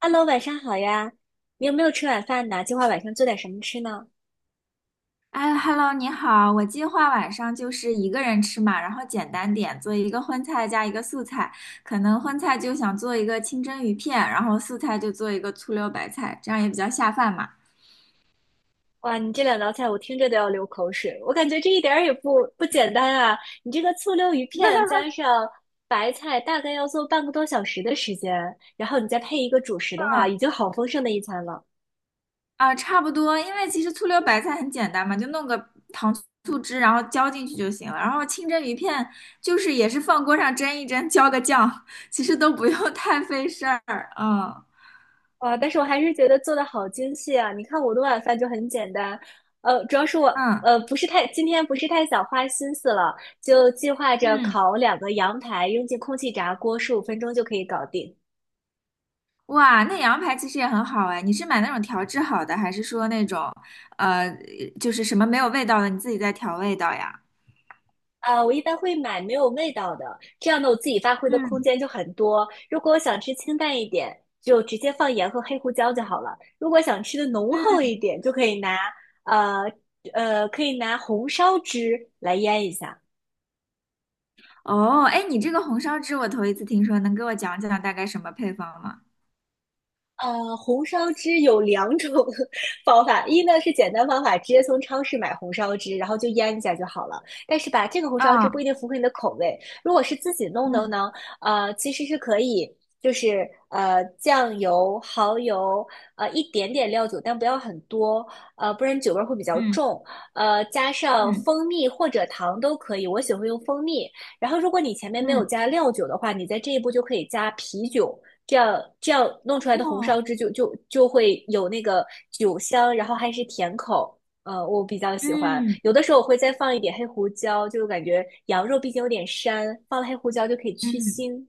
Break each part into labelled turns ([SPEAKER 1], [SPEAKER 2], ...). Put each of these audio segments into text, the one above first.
[SPEAKER 1] Hello，晚上好呀！你有没有吃晚饭呢？计划晚上做点什么吃呢？
[SPEAKER 2] 哎，Hello，你好，我计划晚上就是一个人吃嘛，然后简单点，做一个荤菜加一个素菜，可能荤菜就想做一个清蒸鱼片，然后素菜就做一个醋溜白菜，这样也比较下饭嘛。
[SPEAKER 1] 哇，你这两道菜我听着都要流口水，我感觉这一点儿也不简单啊！你这个醋溜鱼片加上白菜，大概要做半个多小时的时间，然后你再配一个主食的话，
[SPEAKER 2] 嗯
[SPEAKER 1] 已经好丰盛的一餐了。
[SPEAKER 2] 啊，差不多，因为其实醋溜白菜很简单嘛，就弄个糖醋汁，然后浇进去就行了。然后清蒸鱼片就是也是放锅上蒸一蒸，浇个酱，其实都不用 太费事儿。嗯
[SPEAKER 1] 哇，但是我还是觉得做的好精细啊！你看我的晚饭就很简单，主要是我
[SPEAKER 2] 嗯
[SPEAKER 1] 呃不是太今天不是太想花心思了，就计划着
[SPEAKER 2] 嗯。
[SPEAKER 1] 烤两个羊排，扔进空气炸锅，十五分钟就可以搞定。
[SPEAKER 2] 哇，那羊排其实也很好哎。你是买那种调制好的，还是说那种呃，就是什么没有味道的，你自己再调味道呀？
[SPEAKER 1] 啊，我一般会买没有味道的，这样呢，我自己发挥的空
[SPEAKER 2] 嗯
[SPEAKER 1] 间就很多。如果我想吃清淡一点，就直接放盐和黑胡椒就好了；如果想吃的浓厚
[SPEAKER 2] 嗯。
[SPEAKER 1] 一点，就可以呃可以拿红烧汁来腌一下。
[SPEAKER 2] 哦，哎，你这个红烧汁我头一次听说，能给我讲讲大概什么配方吗？
[SPEAKER 1] 红烧汁有两种 方法，一呢是简单方法，直接从超市买红烧汁，然后就腌一下就好了。但是吧，这个红烧汁不一
[SPEAKER 2] 啊，
[SPEAKER 1] 定符合你的口味。如果是自己弄的
[SPEAKER 2] 嗯
[SPEAKER 1] 呢，其实是可以，就是酱油、蚝油，一点点料酒，但不要很多，不然酒味儿会比较
[SPEAKER 2] 嗯
[SPEAKER 1] 重。加上
[SPEAKER 2] 嗯
[SPEAKER 1] 蜂蜜或者糖都可以，我喜欢用蜂蜜。然后，如果你前面没有
[SPEAKER 2] 嗯，
[SPEAKER 1] 加料酒的话，你在这一步就可以加啤酒。这样弄出来的红
[SPEAKER 2] 哦，
[SPEAKER 1] 烧汁就会有那个酒香，然后还是甜口，我比较喜欢。
[SPEAKER 2] 嗯
[SPEAKER 1] 有的时候我会再放一点黑胡椒，就感觉羊肉毕竟有点膻，放了黑胡椒就可以去
[SPEAKER 2] 嗯。
[SPEAKER 1] 腥。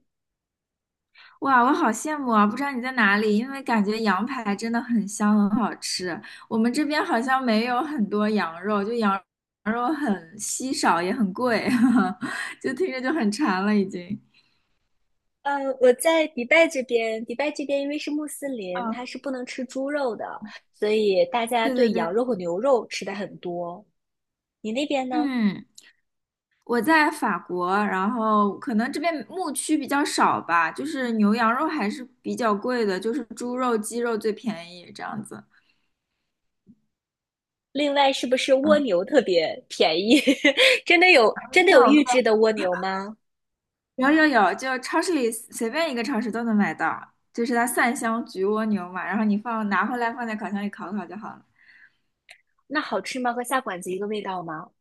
[SPEAKER 2] 哇，我好羡慕啊！不知道你在哪里，因为感觉羊排真的很香，很好吃。我们这边好像没有很多羊肉，就羊肉很稀少，也很贵，就听着就很馋了已经。
[SPEAKER 1] 呃，我在迪拜这边，迪拜这边因为是穆斯林，
[SPEAKER 2] 嗯，
[SPEAKER 1] 它是不能吃猪肉的，所以大家
[SPEAKER 2] 对对
[SPEAKER 1] 对羊
[SPEAKER 2] 对，
[SPEAKER 1] 肉和牛肉吃的很多。你那边呢？
[SPEAKER 2] 嗯，我在法国，然后可能这边牧区比较少吧，就是牛羊肉还是比较贵的，就是猪肉、鸡肉最便宜这样子。
[SPEAKER 1] 另外，是不是蜗
[SPEAKER 2] 嗯，
[SPEAKER 1] 牛特别便宜？真的
[SPEAKER 2] 没
[SPEAKER 1] 有预
[SPEAKER 2] 有。
[SPEAKER 1] 制的蜗牛吗？
[SPEAKER 2] 有有有，就超市里随便一个超市都能买到，就是它蒜香焗蜗牛嘛，然后你放拿回来放在烤箱里烤烤就好了。
[SPEAKER 1] 那好吃吗？和下馆子一个味道吗？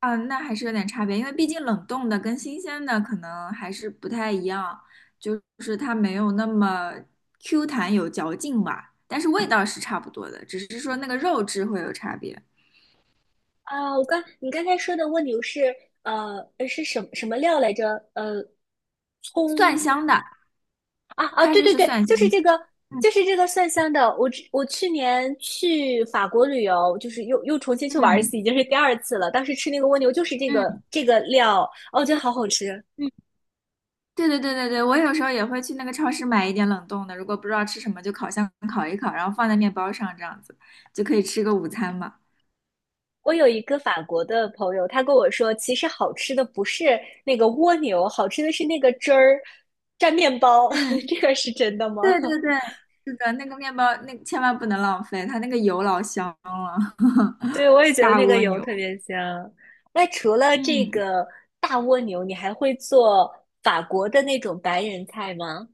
[SPEAKER 2] 啊，那还是有点差别，因为毕竟冷冻的跟新鲜的可能还是不太一样，就是它没有那么 Q 弹有嚼劲吧，但是味道是差不多的，只是说那个肉质会有差别。
[SPEAKER 1] 啊，你刚才说的蜗牛是是什么料来着？呃，
[SPEAKER 2] 蒜
[SPEAKER 1] 葱
[SPEAKER 2] 香的，
[SPEAKER 1] 啊啊，
[SPEAKER 2] 它
[SPEAKER 1] 对
[SPEAKER 2] 就
[SPEAKER 1] 对
[SPEAKER 2] 是
[SPEAKER 1] 对，
[SPEAKER 2] 蒜香
[SPEAKER 1] 就是
[SPEAKER 2] 的
[SPEAKER 1] 这个，
[SPEAKER 2] 嗯
[SPEAKER 1] 就是这个蒜香的。我去年去法国旅游，就是重新去玩一
[SPEAKER 2] 嗯
[SPEAKER 1] 次，已经是第二次了。当时吃那个蜗牛就是这
[SPEAKER 2] 嗯。
[SPEAKER 1] 个
[SPEAKER 2] 嗯
[SPEAKER 1] 这个料，哦，我觉得好好吃。
[SPEAKER 2] 对对对对对，我有时候也会去那个超市买一点冷冻的，如果不知道吃什么，就烤箱烤一烤，然后放在面包上，这样子就可以吃个午餐嘛。
[SPEAKER 1] 我有一个法国的朋友，他跟我说，其实好吃的不是那个蜗牛，好吃的是那个汁儿蘸面包。
[SPEAKER 2] 嗯，
[SPEAKER 1] 这个是真的吗？
[SPEAKER 2] 对对对，是的，那个面包那千万不能浪费，它那个油老香了，
[SPEAKER 1] 对，我也觉得
[SPEAKER 2] 大
[SPEAKER 1] 那个
[SPEAKER 2] 蜗
[SPEAKER 1] 油
[SPEAKER 2] 牛。
[SPEAKER 1] 特别香。那除了这
[SPEAKER 2] 嗯。
[SPEAKER 1] 个大蜗牛，你还会做法国的那种白人菜吗？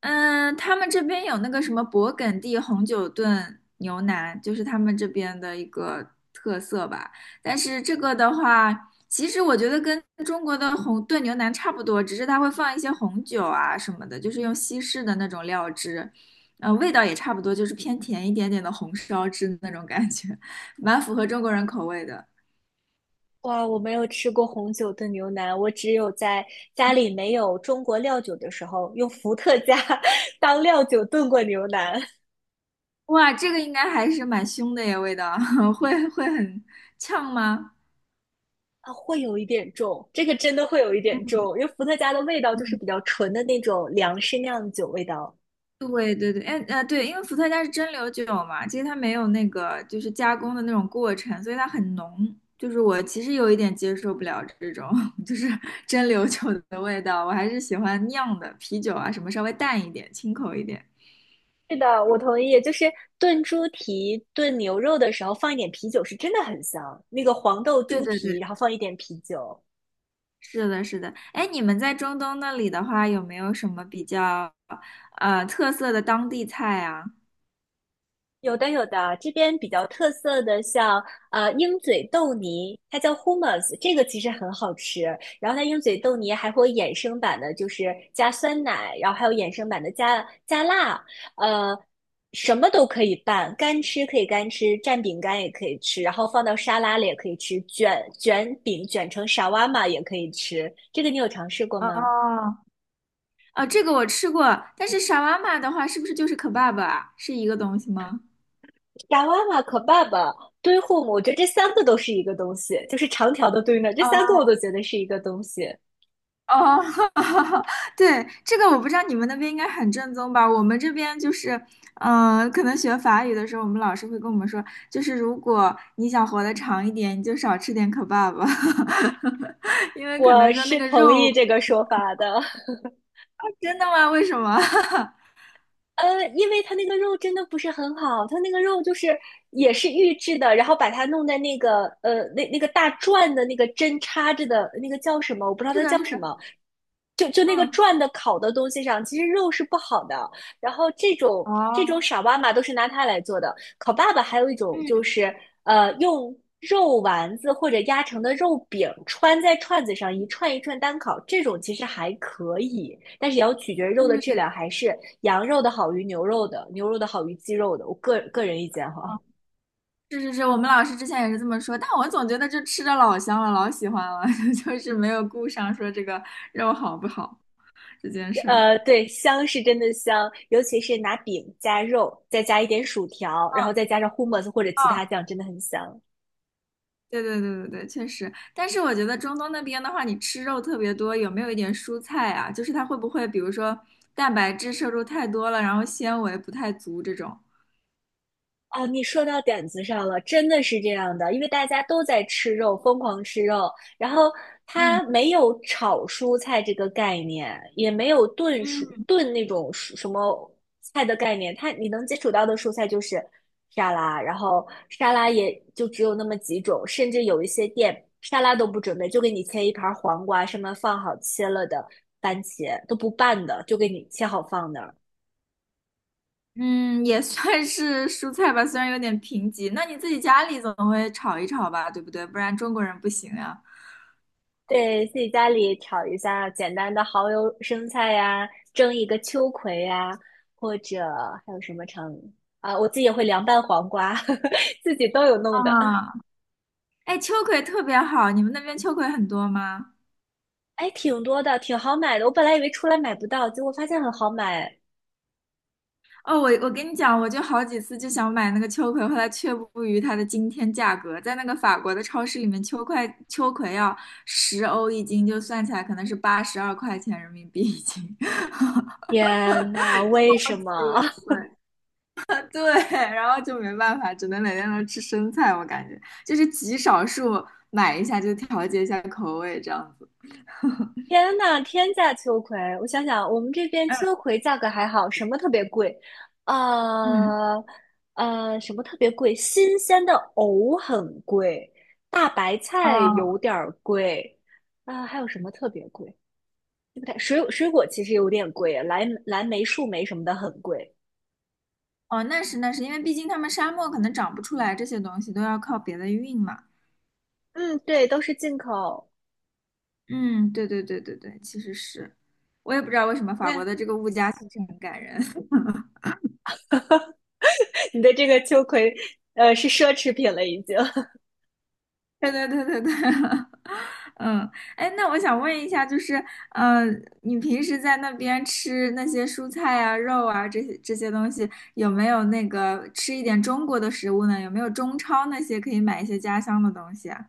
[SPEAKER 2] 嗯，他们这边有那个什么勃艮第红酒炖牛腩，就是他们这边的一个特色吧。但是这个的话，其实我觉得跟中国的红炖牛腩差不多，只是它会放一些红酒啊什么的，就是用西式的那种料汁，味道也差不多，就是偏甜一点点的红烧汁那种感觉，蛮符合中国人口味的。
[SPEAKER 1] 哇，我没有吃过红酒炖牛腩，我只有在家里没有中国料酒的时候，用伏特加 当料酒炖过牛腩。
[SPEAKER 2] 哇，这个应该还是蛮凶的耶，味道 会很呛吗？
[SPEAKER 1] 啊，会有一点重，这个真的会有一点重，因为伏特加的味道就是比
[SPEAKER 2] 嗯
[SPEAKER 1] 较纯的那种粮食酿酒味道。
[SPEAKER 2] 对对对，哎对，因为伏特加是蒸馏酒嘛，其实它没有那个就是加工的那种过程，所以它很浓。就是我其实有一点接受不了这种 就是蒸馏酒的味道，我还是喜欢酿的啤酒啊，什么稍微淡一点、清口一点。
[SPEAKER 1] 是的，我同意。就是炖猪蹄、炖牛肉的时候放一点啤酒，是真的很香。那个黄豆
[SPEAKER 2] 对
[SPEAKER 1] 猪
[SPEAKER 2] 对对，
[SPEAKER 1] 蹄，然后放一点啤酒。
[SPEAKER 2] 是的，是的。哎，你们在中东那里的话，有没有什么比较特色的当地菜啊？
[SPEAKER 1] 有的有的，这边比较特色的像鹰嘴豆泥，它叫 hummus,这个其实很好吃。然后它鹰嘴豆泥还会有衍生版的，就是加酸奶，然后还有衍生版的加辣，呃，什么都可以拌，干吃可以干吃，蘸饼干也可以吃，然后放到沙拉里也可以吃，卷饼卷成沙瓦玛也可以吃。这个你有尝试过吗？
[SPEAKER 2] 哦，哦，这个我吃过，但是沙瓦玛的话，是不是就是可 e b 啊？是一个东西吗？
[SPEAKER 1] 炸妈妈、和爸爸、堆护母，我觉得这三个都是一个东西，就是长条的堆呢，这三个
[SPEAKER 2] 哦
[SPEAKER 1] 我都觉得是一个东西。
[SPEAKER 2] 哦，对，这个我不知道你们那边应该很正宗吧？我们这边就是，嗯、可能学法语的时候，我们老师会跟我们说，就是如果你想活得长一点，你就少吃点 kebab，因为可
[SPEAKER 1] 我
[SPEAKER 2] 能说那
[SPEAKER 1] 是
[SPEAKER 2] 个
[SPEAKER 1] 同意
[SPEAKER 2] 肉，
[SPEAKER 1] 这个说法的，
[SPEAKER 2] 真的吗？为什么？
[SPEAKER 1] 因为它那个肉真的不是很好，它那个肉就是也是预制的，然后把它弄在那个那个大转的那个针插着的那个叫什么，我不知道
[SPEAKER 2] 是
[SPEAKER 1] 它
[SPEAKER 2] 的，
[SPEAKER 1] 叫
[SPEAKER 2] 是
[SPEAKER 1] 什
[SPEAKER 2] 的，
[SPEAKER 1] 么，就那个
[SPEAKER 2] 嗯，
[SPEAKER 1] 转的烤的东西上，其实肉是不好的。然后这种
[SPEAKER 2] 哦，
[SPEAKER 1] 傻妈妈都是拿它来做的，烤爸爸还有一种
[SPEAKER 2] 嗯
[SPEAKER 1] 就是用肉丸子或者压成的肉饼穿在串子上，一串一串单烤，这种其实还可以，但是也要取决于肉的质
[SPEAKER 2] 嗯，
[SPEAKER 1] 量，还是羊肉的好于牛肉的，牛肉的好于鸡肉的。我个人意见哈，
[SPEAKER 2] 是是是，我们老师之前也是这么说，但我总觉得就吃的老香了，老喜欢了，就是没有顾上说这个肉好不好这件 事儿。嗯
[SPEAKER 1] 对，香是真的香，尤其是拿饼加肉，再加一点薯条，然后再加上 hummus 或者其他
[SPEAKER 2] 哦
[SPEAKER 1] 酱，真的很香。
[SPEAKER 2] 对对对对对，确实。但是我觉得中东那边的话，你吃肉特别多，有没有一点蔬菜啊？就是它会不会，比如说蛋白质摄入太多了，然后纤维不太足这种？
[SPEAKER 1] 啊，你说到点子上了，真的是这样的，因为大家都在吃肉，疯狂吃肉，然后
[SPEAKER 2] 嗯
[SPEAKER 1] 它没有炒蔬菜这个概念，也没有
[SPEAKER 2] 嗯。
[SPEAKER 1] 炖那种蔬什么菜的概念，它你能接触到的蔬菜就是沙拉，然后沙拉也就只有那么几种，甚至有一些店沙拉都不准备，就给你切一盘黄瓜，上面放好切了的番茄，都不拌的，就给你切好放的。
[SPEAKER 2] 嗯，也算是蔬菜吧，虽然有点贫瘠。那你自己家里总会炒一炒吧，对不对？不然中国人不行呀。
[SPEAKER 1] 对，自己家里炒一下简单的蚝油生菜呀，蒸一个秋葵呀，或者还有什么成啊，我自己也会凉拌黄瓜，自己都有弄的。
[SPEAKER 2] 啊，哎，秋葵特别好，你们那边秋葵很多吗？
[SPEAKER 1] 哎，挺多的，挺好买的。我本来以为出来买不到，结果发现很好买。
[SPEAKER 2] 哦，我跟你讲，我就好几次就想买那个秋葵，后来却步于它的惊天价格，在那个法国的超市里面，秋葵要10欧一斤，就算起来可能是82块钱人民币一斤。
[SPEAKER 1] 天呐，为什么？
[SPEAKER 2] 对对，然后就没办法，只能每天都吃生菜，我感觉就是极少数买一下就调节一下口味这样子。
[SPEAKER 1] 天呐，天价秋葵！我想想，我们这边秋葵价格还好，什么特别贵？
[SPEAKER 2] 嗯，
[SPEAKER 1] 呃什么特别贵？新鲜的藕很贵，大白菜
[SPEAKER 2] 哦
[SPEAKER 1] 有点儿贵，啊、还有什么特别贵？对不对？水果其实有点贵，蓝莓、树莓什么的很贵。
[SPEAKER 2] 哦，那是那是，因为毕竟他们沙漠可能长不出来这些东西，都要靠别的运嘛。
[SPEAKER 1] 嗯，对，都是进口。
[SPEAKER 2] 嗯，对对对对对，其实是，我也不知道为什么法国
[SPEAKER 1] 那
[SPEAKER 2] 的这个物价其实很感人。
[SPEAKER 1] 你的这个秋葵，是奢侈品了已经。
[SPEAKER 2] 对对对对对，嗯，哎，那我想问一下，就是，呃，你平时在那边吃那些蔬菜啊、肉啊这些这些东西，有没有那个吃一点中国的食物呢？有没有中超那些可以买一些家乡的东西啊？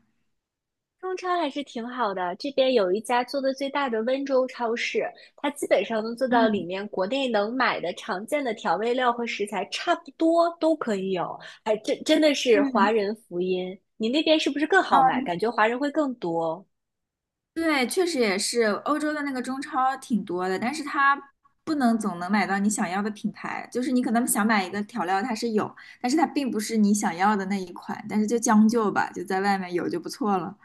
[SPEAKER 1] 中超还是挺好的，这边有一家做的最大的温州超市，它基本上能做到里
[SPEAKER 2] 嗯
[SPEAKER 1] 面国内能买的常见的调味料和食材差不多都可以有，还真的是
[SPEAKER 2] 嗯
[SPEAKER 1] 华
[SPEAKER 2] 嗯
[SPEAKER 1] 人福音。你那边是不是更好买？感觉华人会更多
[SPEAKER 2] 对，确实也是，欧洲的那个中超挺多的，但是它不能总能买到你想要的品牌，就是你可能想买一个调料，它是有，但是它并不是你想要的那一款，但是就将就吧，就在外面有就不错了。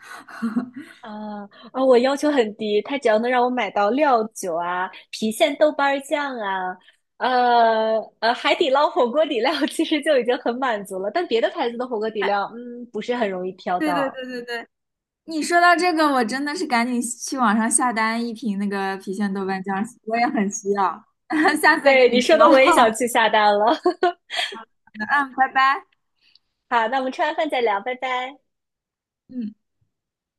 [SPEAKER 1] 啊啊！我要求很低，他只要能让我买到料酒啊、郫县豆瓣儿酱啊、海底捞火锅底料 其实就已经很满足了。但别的牌子的火锅底
[SPEAKER 2] 哎
[SPEAKER 1] 料，嗯，不是很容易挑
[SPEAKER 2] 对对
[SPEAKER 1] 到。
[SPEAKER 2] 对对对，你说到这个，我真的是赶紧去网上下单一瓶那个郫县豆瓣酱，我也很需要，下次再
[SPEAKER 1] 对
[SPEAKER 2] 跟你
[SPEAKER 1] 你说的，
[SPEAKER 2] 说。
[SPEAKER 1] 我也想
[SPEAKER 2] 好
[SPEAKER 1] 去下单了。
[SPEAKER 2] 的嗯，拜拜。
[SPEAKER 1] 好，那我们吃完饭再聊，拜拜。
[SPEAKER 2] 嗯。